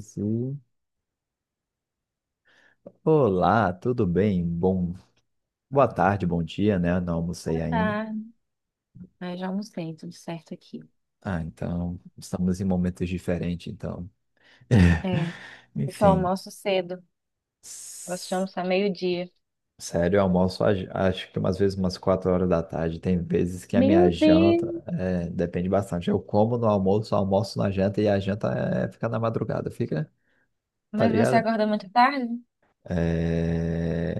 Sim. Olá, tudo bem? Bom, boa tarde, bom dia, né? Não almocei ainda. Ah, mas já almocei, tudo certo aqui. Ah, então, estamos em momentos diferentes, então. É, eu só Enfim, almoço cedo. Gosto de s- almoçar meio-dia. sério, eu almoço acho que umas vezes umas 4 horas da tarde. Tem vezes que a minha Meu janta Deus! é, depende bastante. Eu como no almoço, almoço na janta e a janta é, fica na madrugada, fica, tá Mas você ligado? acorda muito tarde? É...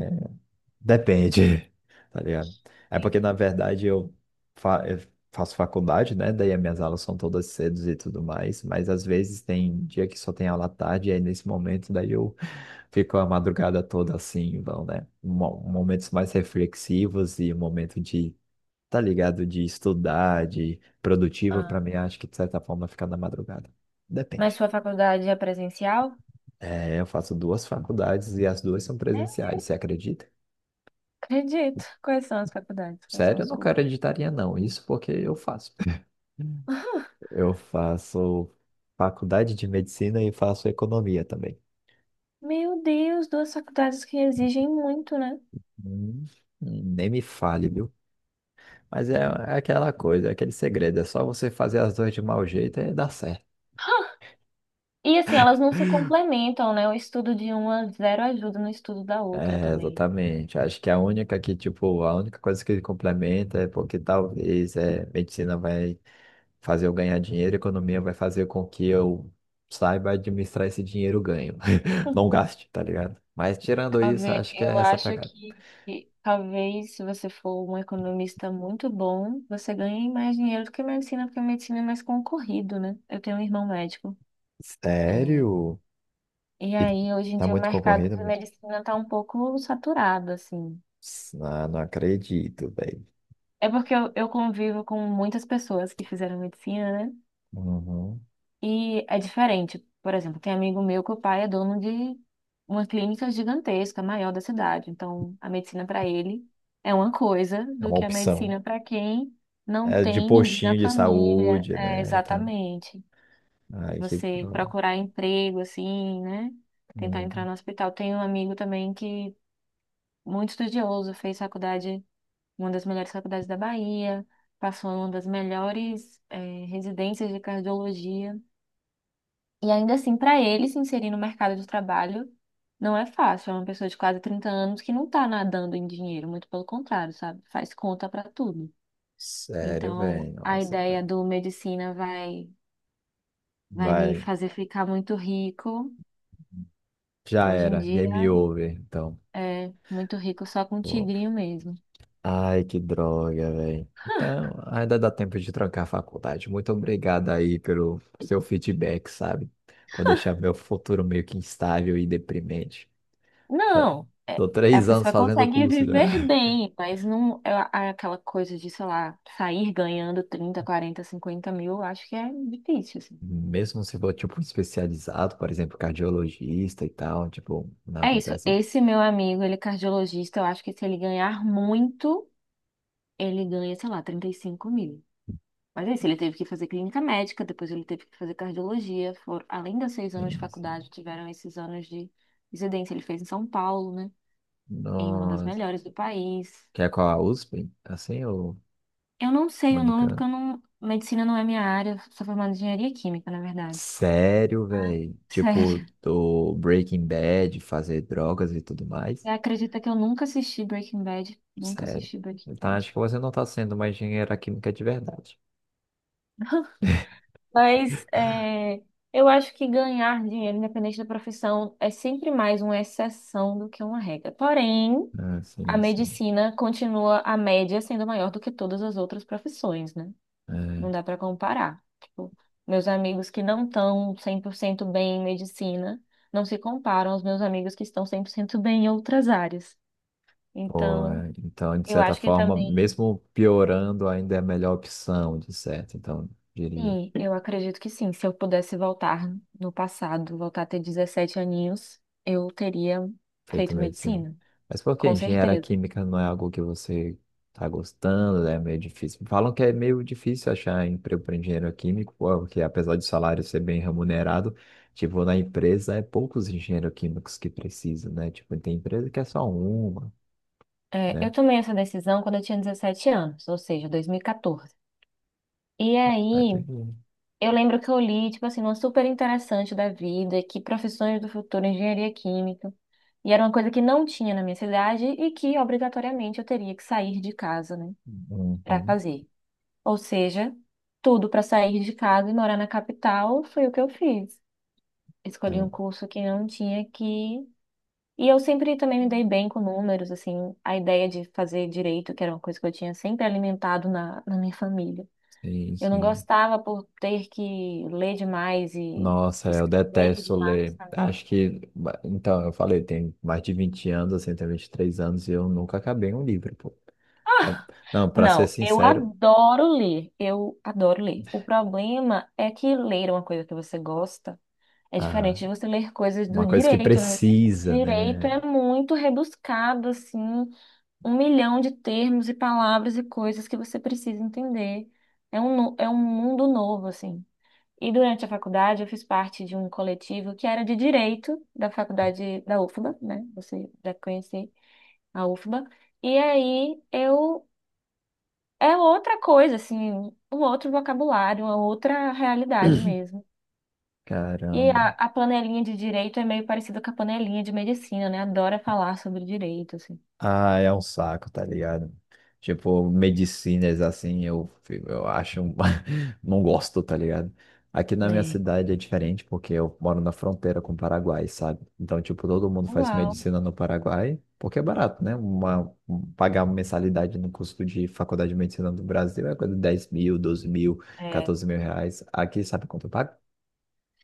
Depende, tá ligado? É Sim. porque, na verdade, eu, eu faço faculdade, né? Daí as minhas aulas são todas cedo e tudo mais, mas às vezes tem dia que só tem aula à tarde, e aí nesse momento, daí eu fico a madrugada toda assim, então, né? Momentos mais reflexivos e momento de, tá ligado? De estudar, de produtivo, pra mim, Ah, acho que de certa forma fica na madrugada. mas Depende. sua faculdade é presencial? É, eu faço duas faculdades e as duas são É, presenciais, você acredita? acredito. Quais são as faculdades? Quais são Sério, eu os não quero cursos? editaria não. Isso porque eu faço. Eu faço faculdade de medicina e faço economia também. Meu Deus, duas faculdades que exigem muito, né? Hum, nem me fale, viu? Mas é, é aquela coisa, é aquele segredo. É só você fazer as duas de mau jeito e dá certo. E assim, elas não se complementam, né? O estudo de uma zero ajuda no estudo da outra É, também. exatamente. Acho que a única que, tipo, a única coisa que complementa é porque talvez é, medicina vai fazer eu ganhar dinheiro, economia vai fazer com que eu saiba administrar esse dinheiro ganho. Não gaste, tá ligado? Mas tirando isso, Talvez- acho que é eu essa acho pegada. que talvez se você for um economista muito bom, você ganhe mais dinheiro do que medicina, porque medicina é mais concorrido, né? Eu tenho um irmão médico. É, Sério? e E aí, hoje em tá dia, o muito mercado concorrido? de Muito... medicina está um pouco saturado, assim. Ah, não acredito, velho. É porque eu convivo com muitas pessoas que fizeram medicina, né? Uhum. E é diferente. Por exemplo, tem amigo meu que o pai é dono de uma clínica gigantesca, maior da cidade. Então, a medicina para ele é uma coisa É do uma que a opção. medicina para quem não É de tem ninguém na postinho de família. saúde, É, né? Então, exatamente. ai, que Você droga. procurar emprego, assim, né? Tentar entrar Uhum. no hospital. Tem um amigo também que, muito estudioso, fez faculdade, uma das melhores faculdades da Bahia, passou em uma das melhores, residências de cardiologia. E ainda assim, para ele se inserir no mercado de trabalho, não é fácil. É uma pessoa de quase 30 anos que não está nadando em dinheiro, muito pelo contrário, sabe? Faz conta para tudo. Sério, Então, velho. a Nossa, cara. ideia do medicina vai, vai me Vai. fazer ficar muito rico. Já Hoje em era. Game dia, over, então. é muito rico só com Pô. tigrinho mesmo. Ai, que droga, velho. Então, ainda dá tempo de trancar a faculdade. Muito obrigado aí pelo seu feedback, sabe? Por deixar meu futuro meio que instável e deprimente. Já Não, é- tô a 3 anos pessoa fazendo o consegue curso já. viver bem, mas não é aquela coisa de, sei lá, sair ganhando 30, 40, 50 mil, eu acho que é difícil, assim. Mesmo se for, tipo, especializado, por exemplo, cardiologista e tal, tipo, não É isso. acontece isso. Esse meu amigo, ele é cardiologista, eu acho que se ele ganhar muito, ele ganha, sei lá, 35 mil. Mas é isso, ele teve que fazer clínica médica, depois ele teve que fazer cardiologia. Além dos 6 anos de Sim, sim. faculdade, tiveram esses anos de residência. Ele fez em São Paulo, né? Em uma das Nossa. melhores do país. Quer qual a USP? Assim, ou Eu não sei o nome, porque Mônica? eu não... medicina não é minha área, eu sou formada em engenharia química, na verdade. Sério, Ah. velho? Tipo, Sério. do Breaking Bad, fazer drogas e tudo mais? Você acredita que eu nunca assisti Breaking Bad? Nunca Sério. assisti Breaking Então acho Bad. que você não está sendo uma engenheira química de verdade. Mas é, eu acho que ganhar dinheiro, independente da profissão, é sempre mais uma exceção do que uma regra. Porém, Ah, a sim, sim. medicina continua a média sendo maior do que todas as outras profissões, né? É, Não dá para comparar. Tipo, meus amigos que não estão 100% bem em medicina não se comparam aos meus amigos que estão 100% bem em outras áreas. pô, Então, é, então, de eu certa acho que forma, também mesmo piorando, ainda é a melhor opção, de certo. Então, diria, sim, eu acredito que sim. Se eu pudesse voltar no passado, voltar a ter 17 aninhos, eu teria feito feito medicina. medicina, Mas por que com engenharia certeza. química não é algo que você tá gostando, né? É meio difícil. Falam que é meio difícil achar emprego para engenheiro químico, porque apesar de o salário ser bem remunerado, tipo, na empresa é poucos engenheiros químicos que precisam, né? Tipo, tem empresa que é só uma. É, eu Né? tomei essa decisão quando eu tinha 17 anos, ou seja, 2014. E Vai tá aí, bom. eu lembro que eu li, tipo assim, uma super interessante da vida, que profissões do futuro, engenharia química, e era uma coisa que não tinha na minha cidade e que obrigatoriamente eu teria que sair de casa, né, para Uhum, fazer. Ou seja, tudo para sair de casa e morar na capital foi o que eu fiz. Escolhi um é. curso que não tinha que. E eu sempre também me dei bem com números, assim, a ideia de fazer direito, que era uma coisa que eu tinha sempre alimentado na minha família. Sim, Eu não sim. gostava por ter que ler demais e Nossa, eu escrever detesto demais ler. também. Acho que, então, eu falei, tem mais de 20 anos, assim, tem 23 anos, e eu nunca acabei um livro, pô. Ah, não, pra ser Não, eu sincero, adoro ler, eu adoro ler. O problema é que ler é uma coisa que você gosta é diferente ah, de você ler coisas do uma coisa que direito, né? precisa, Direito né? é muito rebuscado, assim. Um milhão de termos e palavras e coisas que você precisa entender. É um mundo novo, assim. E durante a faculdade eu fiz parte de um coletivo que era de direito da faculdade da UFBA, né? Você já conhece a UFBA. E aí eu é outra coisa, assim, um outro vocabulário, uma outra realidade mesmo. E a, Caramba. a panelinha de direito é meio parecida com a panelinha de medicina, né? Adora falar sobre direito, assim. Ah, é um saco, tá ligado? Tipo, medicinas assim, eu, eu acho Não gosto, tá ligado? Aqui na minha Né? cidade é diferente, porque eu moro na fronteira com o Paraguai, sabe? Então, tipo, todo mundo faz Uau. medicina no Paraguai, porque é barato, né? Pagar uma mensalidade no custo de faculdade de medicina do Brasil é coisa de 10 mil, 12 mil, É. 14 mil reais. Aqui, sabe quanto eu pago?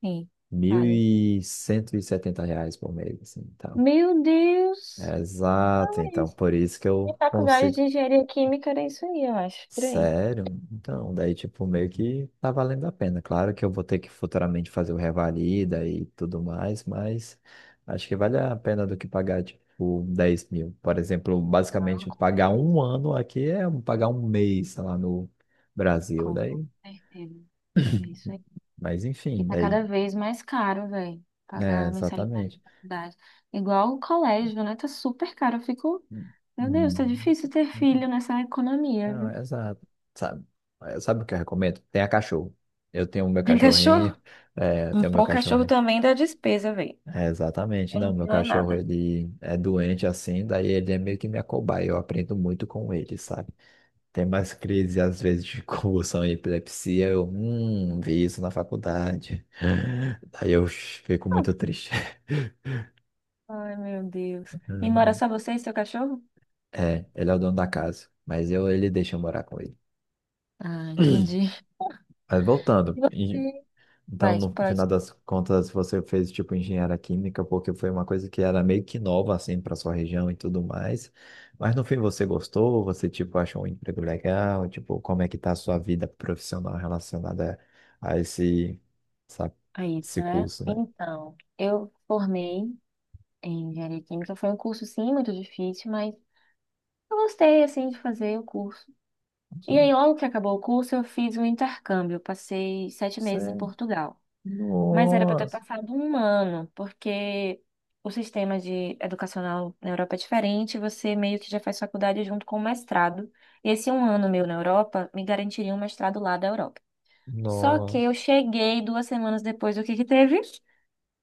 Sim, Mil vale. e cento e setenta reais por mês, assim, então. Meu Deus! É exato, Ah, então isso. por isso que E eu faculdade consigo. de engenharia química era isso aí, eu acho, por aí. Sério? Então, daí, tipo, meio que tá valendo a pena. Claro que eu vou ter que futuramente fazer o revalida e tudo mais, mas acho que vale a pena do que pagar, tipo, 10 mil. Por exemplo, Ah, basicamente, com pagar certeza. um ano aqui é um, pagar um mês, sei lá, no Brasil. Com Daí, certeza. É isso aí. mas E enfim, tá daí, cada vez mais caro, velho, pagar é, a mensalidade de exatamente. faculdade. Igual o colégio, né? Tá super caro. Eu fico, meu Deus, tá Hum. difícil ter filho nessa economia, Não, viu? é exato. Sabe, sabe o que eu recomendo? Tenha cachorro. Eu tenho o meu Tem cachorrinho, cachorro? é, eu Um tenho o meu pô, cachorro. cachorro também dá despesa, velho. É, exatamente. Eu Não, não meu tenho é cachorro, nada. ele é doente assim, daí ele é meio que minha cobaia. Eu aprendo muito com ele, sabe? Tem mais crises, às vezes, de convulsão e epilepsia. Eu vi isso na faculdade. Daí eu fico muito triste. Ai, meu Deus. E mora Uhum. só você e seu cachorro? É, ele é o dono da casa, mas eu, ele deixa eu morar com ele. Ah, entendi. Mas E voltando, você? então, Vai, no final pode. das contas, você fez tipo engenharia química porque foi uma coisa que era meio que nova assim para sua região e tudo mais. Mas no fim você gostou? Você tipo achou um emprego legal? Tipo, como é que tá a sua vida profissional relacionada a esse, essa- É isso, esse né? curso, né? Então, eu formei em engenharia química. Foi um curso, sim, muito difícil, mas eu gostei, assim, de fazer o curso. Você... E aí, logo que acabou o curso, eu fiz um intercâmbio. Eu passei 7 meses em é, Portugal. Mas era para ter nossa, passado um ano, porque o sistema de educacional na Europa é diferente. Você meio que já faz faculdade junto com o mestrado. Esse um ano meu na Europa me garantiria um mestrado lá da Europa. Só que eu nossa, cheguei 2 semanas depois do que teve?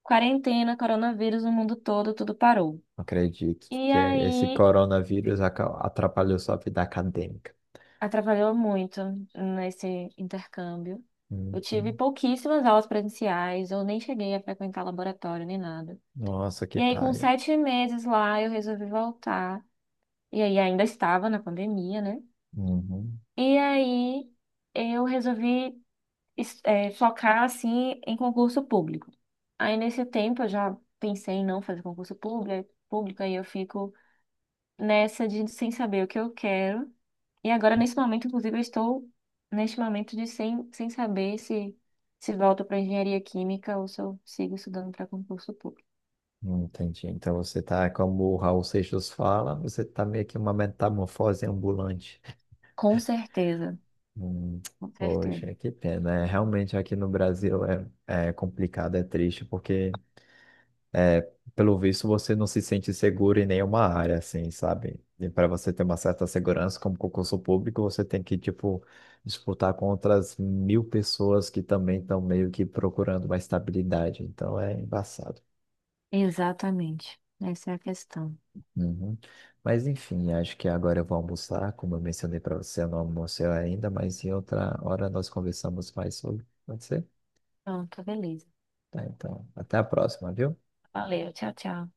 Quarentena, coronavírus no mundo todo, tudo parou. não acredito E que esse aí, coronavírus atrapalhou sua vida acadêmica. atrapalhou muito nesse intercâmbio. Eu tive Uhum. pouquíssimas aulas presenciais, eu nem cheguei a frequentar laboratório nem nada. Nossa, que E aí, com paia. 7 meses lá, eu resolvi voltar. E aí, ainda estava na pandemia, né? Uhum. E aí, eu resolvi focar, assim, em concurso público. Aí, nesse tempo, eu já pensei em não fazer concurso público, aí eu fico nessa de sem saber o que eu quero. E agora, nesse momento, inclusive, eu estou neste momento de sem saber se volto para engenharia química ou se eu sigo estudando para concurso público. Entendi. Então você tá, como o Raul Seixas fala, você tá meio que uma metamorfose ambulante. Com certeza, Hum, com certeza. poxa, que pena. Realmente aqui no Brasil é complicado, é triste, porque pelo visto você não se sente seguro em nenhuma área, assim, sabe? E para você ter uma certa segurança como concurso público, você tem que, tipo, disputar com outras 1.000 pessoas que também estão meio que procurando uma estabilidade. Então é embaçado. Exatamente. Essa é a questão. Uhum. Mas enfim, acho que agora eu vou almoçar. Como eu mencionei para você, eu não almocei ainda, mas em outra hora nós conversamos mais sobre. Pode ser? Pronto, beleza. Tá, então, até a próxima, viu? Valeu, tchau, tchau.